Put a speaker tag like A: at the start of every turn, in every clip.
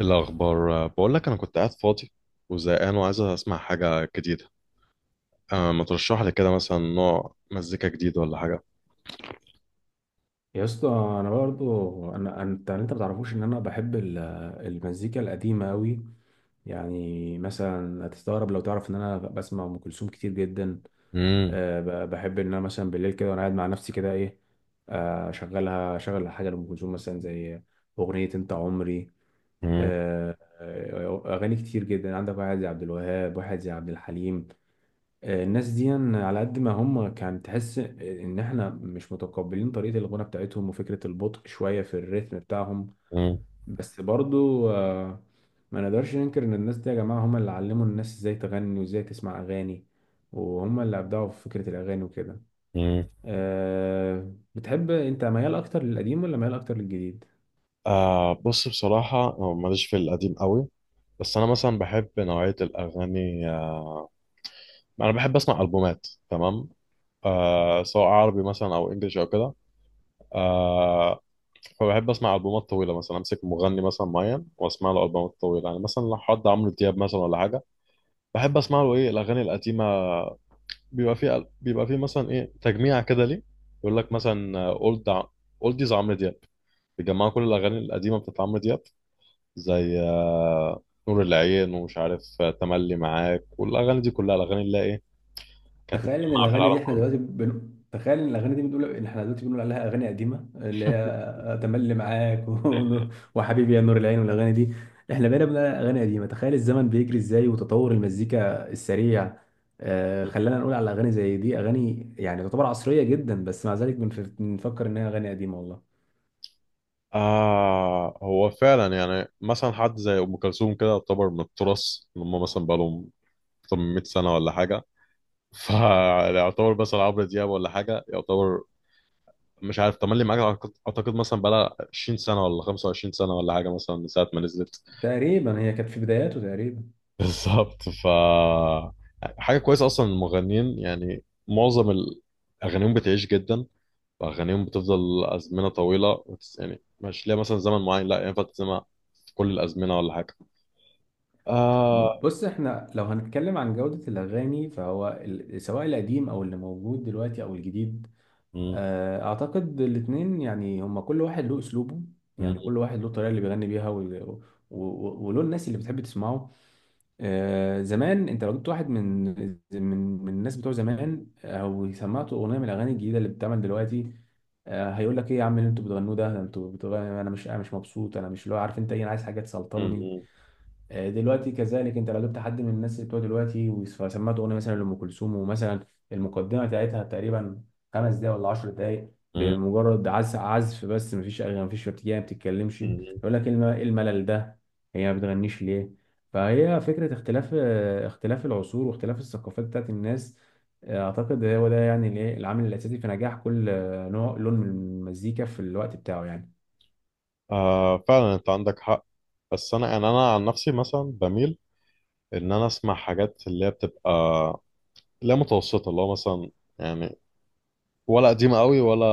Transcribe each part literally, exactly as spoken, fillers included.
A: الأخبار بقول لك أنا كنت قاعد فاضي وزهقان وعايز أسمع حاجة جديدة. أه ما ترشح لي كده مثلا نوع مزيكا جديد ولا حاجة؟
B: يا اسطى انا برضو انا انت انت ما تعرفوش ان انا بحب ال- المزيكا القديمه قوي. يعني مثلا هتستغرب لو تعرف ان انا بسمع ام كلثوم كتير جدا.
A: مم.
B: أه ب- بحب ان انا مثلا بالليل كده وانا قاعد مع نفسي كده ايه. آه، اشغلها اشغل حاجه لام كلثوم مثلا زي اغنيه انت عمري.
A: مم.
B: أه آه، اغاني كتير جدا. عندك واحد زي عبد الوهاب، واحد زي عبد الحليم، آه، الناس دي على قد ما هم كان تحس ان احنا مش متقبلين طريقة الغنى بتاعتهم وفكرة البطء شوية في الريتم بتاعهم،
A: مم.
B: بس برضو آه، ما نقدرش ننكر ان الناس دي يا جماعة هم اللي علموا الناس ازاي تغني وازاي تسمع اغاني، وهم اللي ابدعوا في فكرة الاغاني وكده.
A: مم.
B: آه، بتحب انت ميال اكتر للقديم ولا ميال اكتر للجديد؟
A: أه بص، بصراحة أنا ماليش في القديم قوي، بس أنا مثلا بحب نوعية الأغاني، آه، أنا بحب أسمع ألبومات، تمام؟ آه سواء عربي مثلا او انجلش او كده. آه فبحب اسمع البومات طويله، مثلا امسك مغني مثلا معين واسمع له البومات طويله، يعني مثلا لو حد عمرو دياب مثلا ولا حاجه، بحب اسمع له ايه الاغاني القديمه. بيبقى فيه بيبقى فيه مثلا ايه تجميع كده، ليه؟ يقول لك مثلا اولد اولديز عمرو دياب، بيجمعوا كل الاغاني القديمه بتاعت عمرو دياب، زي آه نور العين، ومش عارف، آه، تملي معاك، والاغاني دي كلها الاغاني اللي هي ايه كانت
B: تخيل ان
A: مسمعه في
B: الاغاني دي
A: العالم
B: احنا
A: كله.
B: دلوقتي بن... تخيل ان الاغاني دي بنقول ان احنا دلوقتي بنقول عليها اغاني قديمه، اللي هي تملي معاك و... وحبيبي يا نور العين والاغاني دي، احنا بقينا بنقول عليها اغاني قديمه. تخيل الزمن بيجري ازاي وتطور المزيكا السريع آه خلانا نقول على اغاني زي دي اغاني يعني تعتبر عصريه جدا، بس مع ذلك بنف... بنفكر انها اغاني قديمه والله.
A: آه، هو فعلا يعني مثلا حد زي أم كلثوم كده يعتبر من التراث، اللي هم مثلا بقالهم أكتر من مئة سنة ولا حاجة. فيعتبر مثلا عمرو دياب ولا حاجة، يعتبر مش عارف، تملي معاك أعتقد أعتقد مثلا بقالها عشرين سنة ولا خمسة وعشرين سنة ولا حاجة، مثلا من ساعة ما نزلت.
B: تقريبا هي كانت في بداياته تقريبا.
A: بالظبط. ف حاجة كويسة أصلا المغنيين، يعني معظم ال- أغانيهم بتعيش جدا، وأغانيهم بتفضل أزمنة طويلة، وتس- يعني مش ليها مثلا زمن معين، لا ينفع تسمع كل الأزمنة ولا حاجة.
B: ب-
A: آه
B: بص، احنا لو هنتكلم عن جوده الاغاني فهو ال... سواء القديم او اللي موجود دلوقتي او الجديد،
A: مم.
B: آه، اعتقد الاتنين يعني هما كل واحد له اسلوبه.
A: مم.
B: يعني كل واحد له الطريقه اللي بيغني بيها وال- و- و- وله الناس اللي بتحب تسمعه. آه، زمان انت لو جبت واحد من من من الناس بتوع زمان او سمعته اغنيه من الاغاني الجديده اللي بتتعمل دلوقتي، آه، هيقول لك ايه يا عم اللي انتوا بتغنوه ده؟ انتوا بتغنوا انا مش انا مش مبسوط، انا مش اللي هو عارف انت ايه، انا عايز حاجه تسلطني.
A: مم.
B: آه، دلوقتي كذلك انت لو جبت حد من الناس اللي بتوع دلوقتي وسمعت اغنيه مثلا لام كلثوم، ومثلا المقدمه بتاعتها تقريبا خمس دقايق ولا 10 دقايق
A: مم.
B: بمجرد عزف عزف بس، مفيش اغاني مفيش ارتجال ما بتتكلمش، يقول
A: مم.
B: لك إيه الم- إيه الملل ده؟ هي ما بتغنيش ليه؟ فهي فكره اختلاف آه، اختلاف العصور واختلاف الثقافات بتاعت الناس. آه، اعتقد هو ده يعني الايه العامل الاساسي في نجاح كل آه، نوع لون من المزيكا في الوقت بتاعه يعني.
A: آه فعلا، انت عندك حق. بس انا يعني انا عن نفسي مثلا بميل ان انا اسمع حاجات اللي هي بتبقى لا متوسطه، اللي هو مثلا يعني، ولا قديمه قوي ولا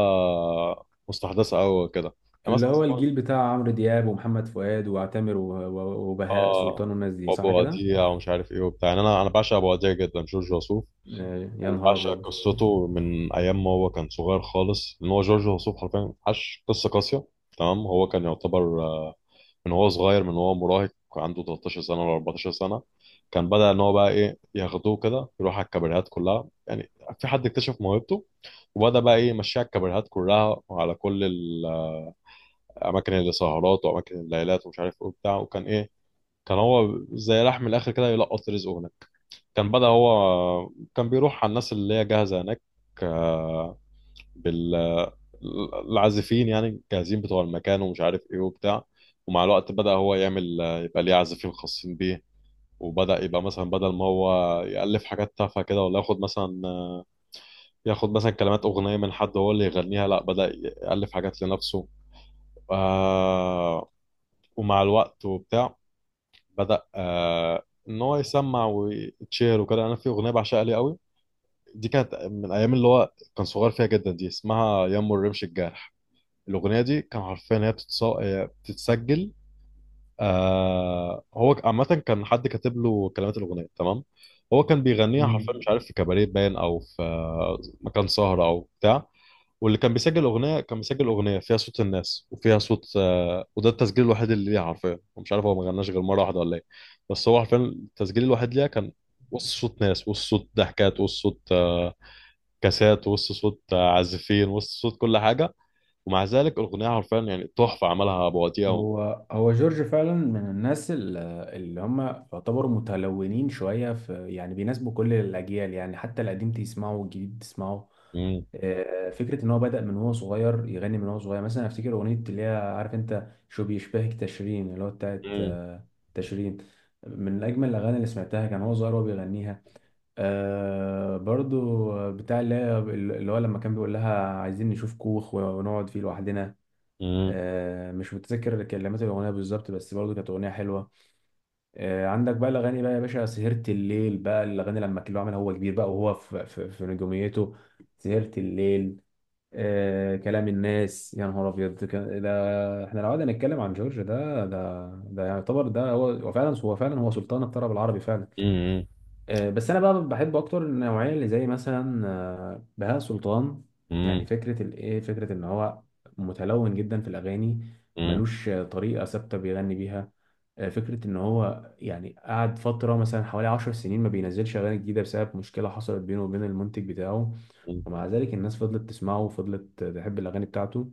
A: مستحدثه قوي كده. انا
B: اللي
A: مثلا
B: هو
A: أسمع،
B: الجيل بتاع عمرو دياب ومحمد فؤاد وعتامر و- و- وبهاء
A: اه،
B: سلطان والناس دي صح
A: ابو
B: كده؟
A: وديع ومش عارف ايه وبتاع، يعني انا انا بعشق ابو وديع جدا، جورج وسوف.
B: آه، يا نهار
A: وبعشق
B: أبيض.
A: قصته من ايام ما هو كان صغير خالص، ان هو جورج وسوف حرفيا عاش قصه قاسيه، تمام. هو كان يعتبر، آه، من هو صغير، من هو مراهق، عنده تلتاشر سنة ولا اربعة عشر سنة، كان بدأ إن هو بقى إيه ياخدوه كده يروح على الكابريهات كلها، يعني في حد اكتشف موهبته، وبدأ بقى إيه يمشيها على الكابريهات كلها وعلى كل الأماكن اللي سهرات وأماكن الليلات ومش عارف إيه وبتاع، وكان إيه كان هو زي راح من الآخر كده يلقط رزقه هناك. كان بدأ هو كان بيروح على الناس اللي هي جاهزة هناك، آه، بالعازفين يعني جاهزين بتوع المكان ومش عارف ايه وبتاع. ومع الوقت بدأ هو يعمل يبقى ليه عازفين خاصين بيه، وبدأ يبقى مثلا بدل ما هو يألف حاجات تافهة كده ولا ياخد مثلا ياخد مثلا كلمات أغنية من حد هو اللي يغنيها، لا، بدأ يألف حاجات لنفسه. آه ومع الوقت وبتاع، بدأ، آه إن هو يسمع ويتشير وكده. أنا في أغنية بعشقها ليه قوي، دي كانت من أيام اللي هو كان صغير فيها جدا، دي اسمها يمو الرمش الجارح. الأغنية دي كان عارفين إن هي بتتص- آه، بتتسجل. آه هو عامة كان حد كاتب له كلمات الأغنية، تمام. هو كان بيغنيها حرفيا،
B: مم.
A: مش عارف في كباريه باين، أو في آه، مكان سهرة أو بتاع. واللي كان بيسجل الأغنية كان بيسجل أغنية فيها صوت الناس وفيها صوت آه وده التسجيل الوحيد اللي ليها حرفيا، ومش عارف هو ما غناش غير مرة واحدة ولا إيه، بس هو حرفيا التسجيل الوحيد ليها كان وسط صوت ناس، وسط صوت ضحكات، وسط صوت آه كاسات، وسط صوت آه، عازفين، وسط صوت كل حاجة. ومع ذلك الاغنيه حرفيا يعني تحفه، عملها ابو وديع و...
B: هو هو جورج فعلا من الناس ال- اللي هم يعتبروا متلونين شوية، في يعني بيناسبوا كل الأجيال، يعني حتى القديم تسمعه والجديد تسمعه.
A: مم.
B: آه، فكرة إن هو بدأ من هو صغير يغني، من هو صغير مثلا أفتكر أغنية اللي هي عارف أنت شو بيشبهك تشرين، اللي هو بتاعت
A: مم.
B: آه، تشرين، من أجمل الأغاني اللي سمعتها كان هو صغير وهو بيغنيها. آه برضو بتاع اللي هي- اللي هو لما كان بيقول لها عايزين نشوف كوخ ونقعد فيه لوحدنا.
A: مم.
B: آه مش متذكر كلمات الأغنية بالظبط بس برضو كانت أغنية حلوة. آه عندك بقى الأغاني بقى يا باشا، سهرت الليل، بقى الأغاني لما كان هو عملها هو كبير بقى وهو في, في, في نجوميته. سهرت الليل، آه كلام الناس، يا نهار أبيض. كان- ده احنا لو قعدنا نتكلم عن جورج ده ده ده يعتبر ده هو هو فعلا هو فعلا هو سلطان الطرب العربي فعلا.
A: مم.
B: آه، بس انا بقى بحب اكتر النوعيه اللي زي مثلا آه، بهاء سلطان. يعني
A: مم.
B: فكره الايه فكره ان هو متلون جدا في الاغاني،
A: مم.
B: ملوش آه، طريقه ثابته بيغني بيها. آه، فكره ان هو يعني قعد فتره مثلا حوالي عشر سنين ما بينزلش اغاني جديده بسبب مشكله حصلت بينه وبين المنتج بتاعه، ومع ذلك الناس فضلت تسمعه وفضلت تحب الاغاني بتاعته.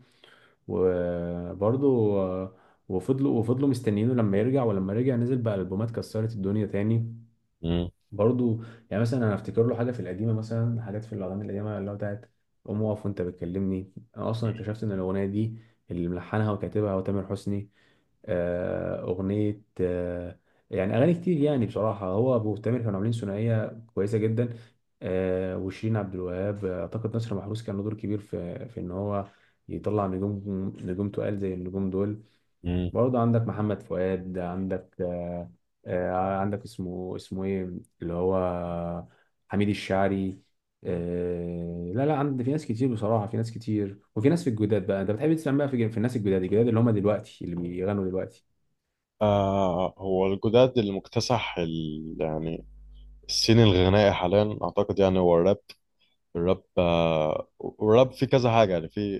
B: وبرضه آه، وفضلوا وفضلوا مستنيينه لما يرجع، ولما رجع نزل بقى البومات كسرت الدنيا تاني.
A: مم.
B: برضو يعني مثلا انا افتكر له حاجه في القديمه، مثلا حاجات في الاغاني القديمه اللي هو بتاعت قوم اقف وانت بتكلمني، انا اصلا اكتشفت ان الاغنيه دي اللي ملحنها وكاتبها هو تامر حسني. آه، اغنيه آه، يعني اغاني كتير. يعني بصراحه هو ابو تامر كانوا عاملين ثنائيه كويسه جدا. آه، وشيرين عبد الوهاب اعتقد نصر محروس كان له دور كبير في في ان هو يطلع نجوم، نجوم تقال زي النجوم دول.
A: مم.
B: برضه عندك محمد فؤاد، عندك آه، آه، عندك اسمه اسمه ايه، اللي هو حميد الشاعري. آه، لا لا عند في ناس كتير بصراحة، في ناس كتير، وفي ناس في الجداد بقى. انت بتحب تسمع بقى في في الناس الجداد الجداد اللي هم دلوقتي اللي بيغنوا دلوقتي؟
A: آه هو الجداد اللي مكتسح ال... يعني السين الغنائي حاليا، اعتقد يعني هو الراب. الراب، آه الراب في كذا حاجه، يعني في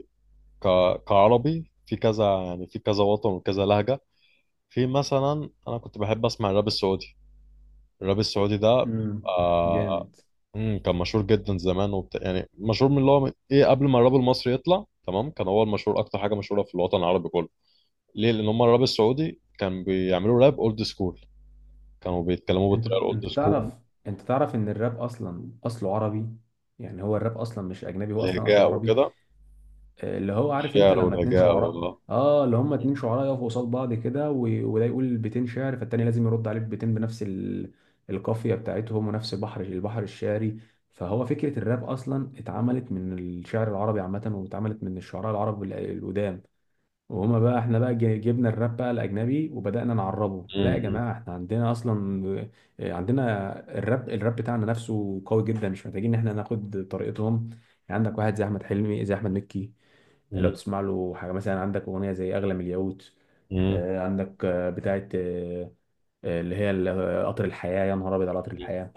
A: ك... كعربي، في كذا، يعني في كذا وطن وكذا لهجه. في مثلا، انا كنت بحب اسمع الراب السعودي. الراب السعودي ده
B: امم،
A: آه،
B: جامد.
A: امم، كان مشهور جدا زمان وبتاع، يعني مشهور من اللي هو ايه قبل ما الراب المصري يطلع، تمام؟ كان هو المشهور، اكتر حاجه مشهوره في الوطن العربي كله. ليه؟ لان هم الراب السعودي كان بيعملوا راب اولد سكول، كانوا بيتكلموا
B: انت
A: بالطريقه الاولد
B: انت
A: سكول،
B: تعرف انت تعرف ان الراب اصلا اصله عربي. يعني هو الراب اصلا مش اجنبي، هو اصلا اصله
A: الهجاء
B: عربي.
A: وكده،
B: اللي هو عارف انت
A: الشعر
B: لما اتنين
A: والهجاء
B: شعراء
A: والله.
B: اه اللي هما اتنين شعراء يقفوا قصاد بعض كده، و- وده يقول بيتين شعر فالتاني لازم يرد عليه ببيتين بنفس ال... القافية بتاعتهم ونفس البحر البحر الشعري. فهو فكرة الراب أصلا اتعملت من الشعر العربي عامة، واتعملت من الشعراء العرب ال- القدام. وهما بقى احنا بقى جي- جبنا الراب بقى الاجنبي وبدانا نعربه. لا يا
A: امم.
B: جماعه احنا عندنا اصلا آه، عندنا الراب، الراب بتاعنا نفسه قوي جدا، مش محتاجين ان احنا ناخد طريقتهم. يعني عندك واحد زي احمد حلمي، زي احمد مكي. لو
A: امم.
B: تسمع له حاجه مثلا عندك اغنيه زي اغلى من الياقوت،
A: امم.
B: آه، عندك آه، بتاعه آه، آه، اللي هي ال- آه، قطر الحياه، يا نهار ابيض على قطر الحياه.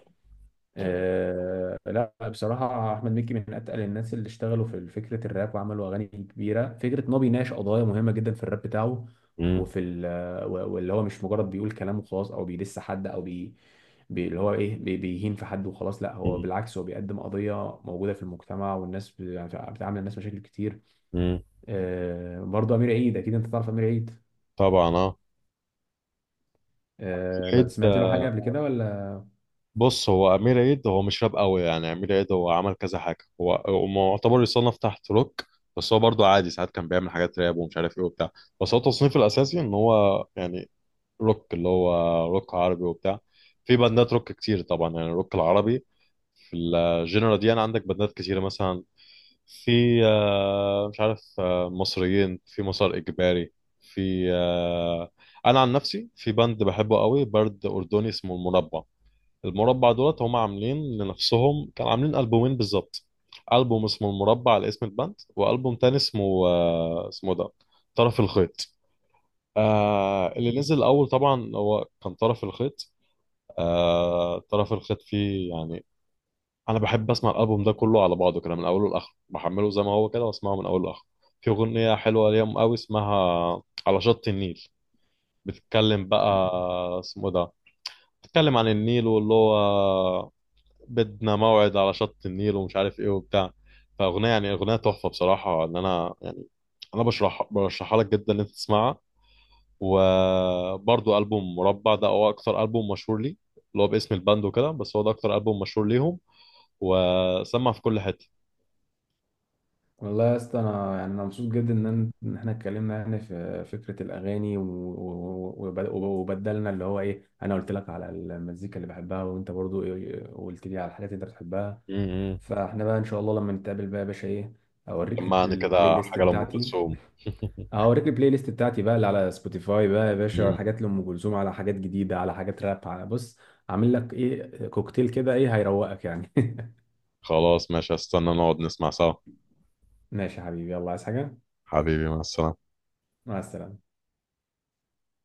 B: آه لا بصراحة أحمد مكي من أتقل الناس اللي اشتغلوا في فكرة الراب وعملوا أغاني كبيرة. فكرة إن هو بيناقش قضايا مهمة جدا في الراب بتاعه
A: امم.
B: وفي ال- و- واللي هو مش مجرد بيقول كلام وخلاص، أو بيدس حد، أو بي بي- اللي هو إيه بي- بيهين في حد وخلاص. لا هو
A: امم.
B: بالعكس، هو بيقدم قضية موجودة في المجتمع، والناس ب- يعني بتعامل الناس مشاكل كتير.
A: امم.
B: آه برضه أمير عيد، أكيد أنت تعرف أمير عيد؟
A: طبعا اه. في
B: آه لا
A: الحيط.
B: سمعت له حاجة قبل كده ولا؟
A: بص، هو امير عيد هو مش راب قوي، يعني امير عيد هو عمل كذا حاجه، هو هو معتبر يصنف تحت روك، بس هو برضو عادي ساعات كان بيعمل حاجات راب ومش عارف ايه وبتاع، بس هو تصنيفه الاساسي ان هو يعني روك، اللي هو روك عربي وبتاع. في باندات روك كتير طبعا، يعني الروك العربي، في الجنرا دي انا عندك باندات كتيره، مثلا في آه، مش عارف، آه، مصريين في مسار اجباري، في آه، انا عن نفسي في باند بحبه قوي، برد اردني، اسمه المربع. المربع دولت هم عاملين لنفسهم، كانوا عاملين ألبومين بالظبط. ألبوم اسمه المربع على اسم الباند، وألبوم تاني اسمه، آه، اسمه ده طرف الخيط. آه اللي نزل الأول طبعا هو كان طرف الخيط. آه طرف الخيط فيه يعني، أنا بحب أسمع الألبوم ده كله على بعضه كده من أوله لآخره، بحمله زي ما هو كده وأسمعه من أوله لآخره. في أغنية حلوة ليهم قوي، اسمها على شط النيل، بتتكلم بقى آه، اسمه ده بتتكلم عن النيل واللي هو بدنا موعد على شط النيل ومش عارف ايه وبتاع. فاغنيه يعني اغنيه تحفه بصراحه، ان انا يعني انا بشرح برشحها لك جدا ان انت تسمعها. وبرضو البوم مربع ده هو اكتر البوم مشهور لي، اللي هو باسم الباند وكده، بس هو ده اكتر البوم مشهور ليهم، وسمع في كل حته.
B: والله يا اسطى انا يعني انا مبسوط جدا ان أنا- إن احنا اتكلمنا يعني في فكره الاغاني و- و- وب- وبدلنا، اللي هو ايه، انا قلت لك على المزيكا اللي بحبها وانت برضو إيه قلت لي على الحاجات اللي انت بتحبها.
A: امم.
B: فاحنا بقى ان شاء الله لما نتقابل بقى يا باشا ايه، اوريك البل-
A: سمعني
B: البلاي
A: كده
B: ليست
A: حاجه لام
B: بتاعتي.
A: كلثوم.
B: هوريك البلاي ليست بتاعتي بقى اللي على سبوتيفاي بقى يا باشا، على
A: مم.
B: حاجات لام كلثوم، على حاجات جديده، على حاجات راب، على بص، عامل لك ايه كوكتيل كده ايه هيروقك يعني.
A: خلاص ماشي، هستنى نقعد نسمع سوا.
B: ماشي يا حبيبي، يلا عايز حاجه؟
A: حبيبي، مع السلامه.
B: مع السلامه.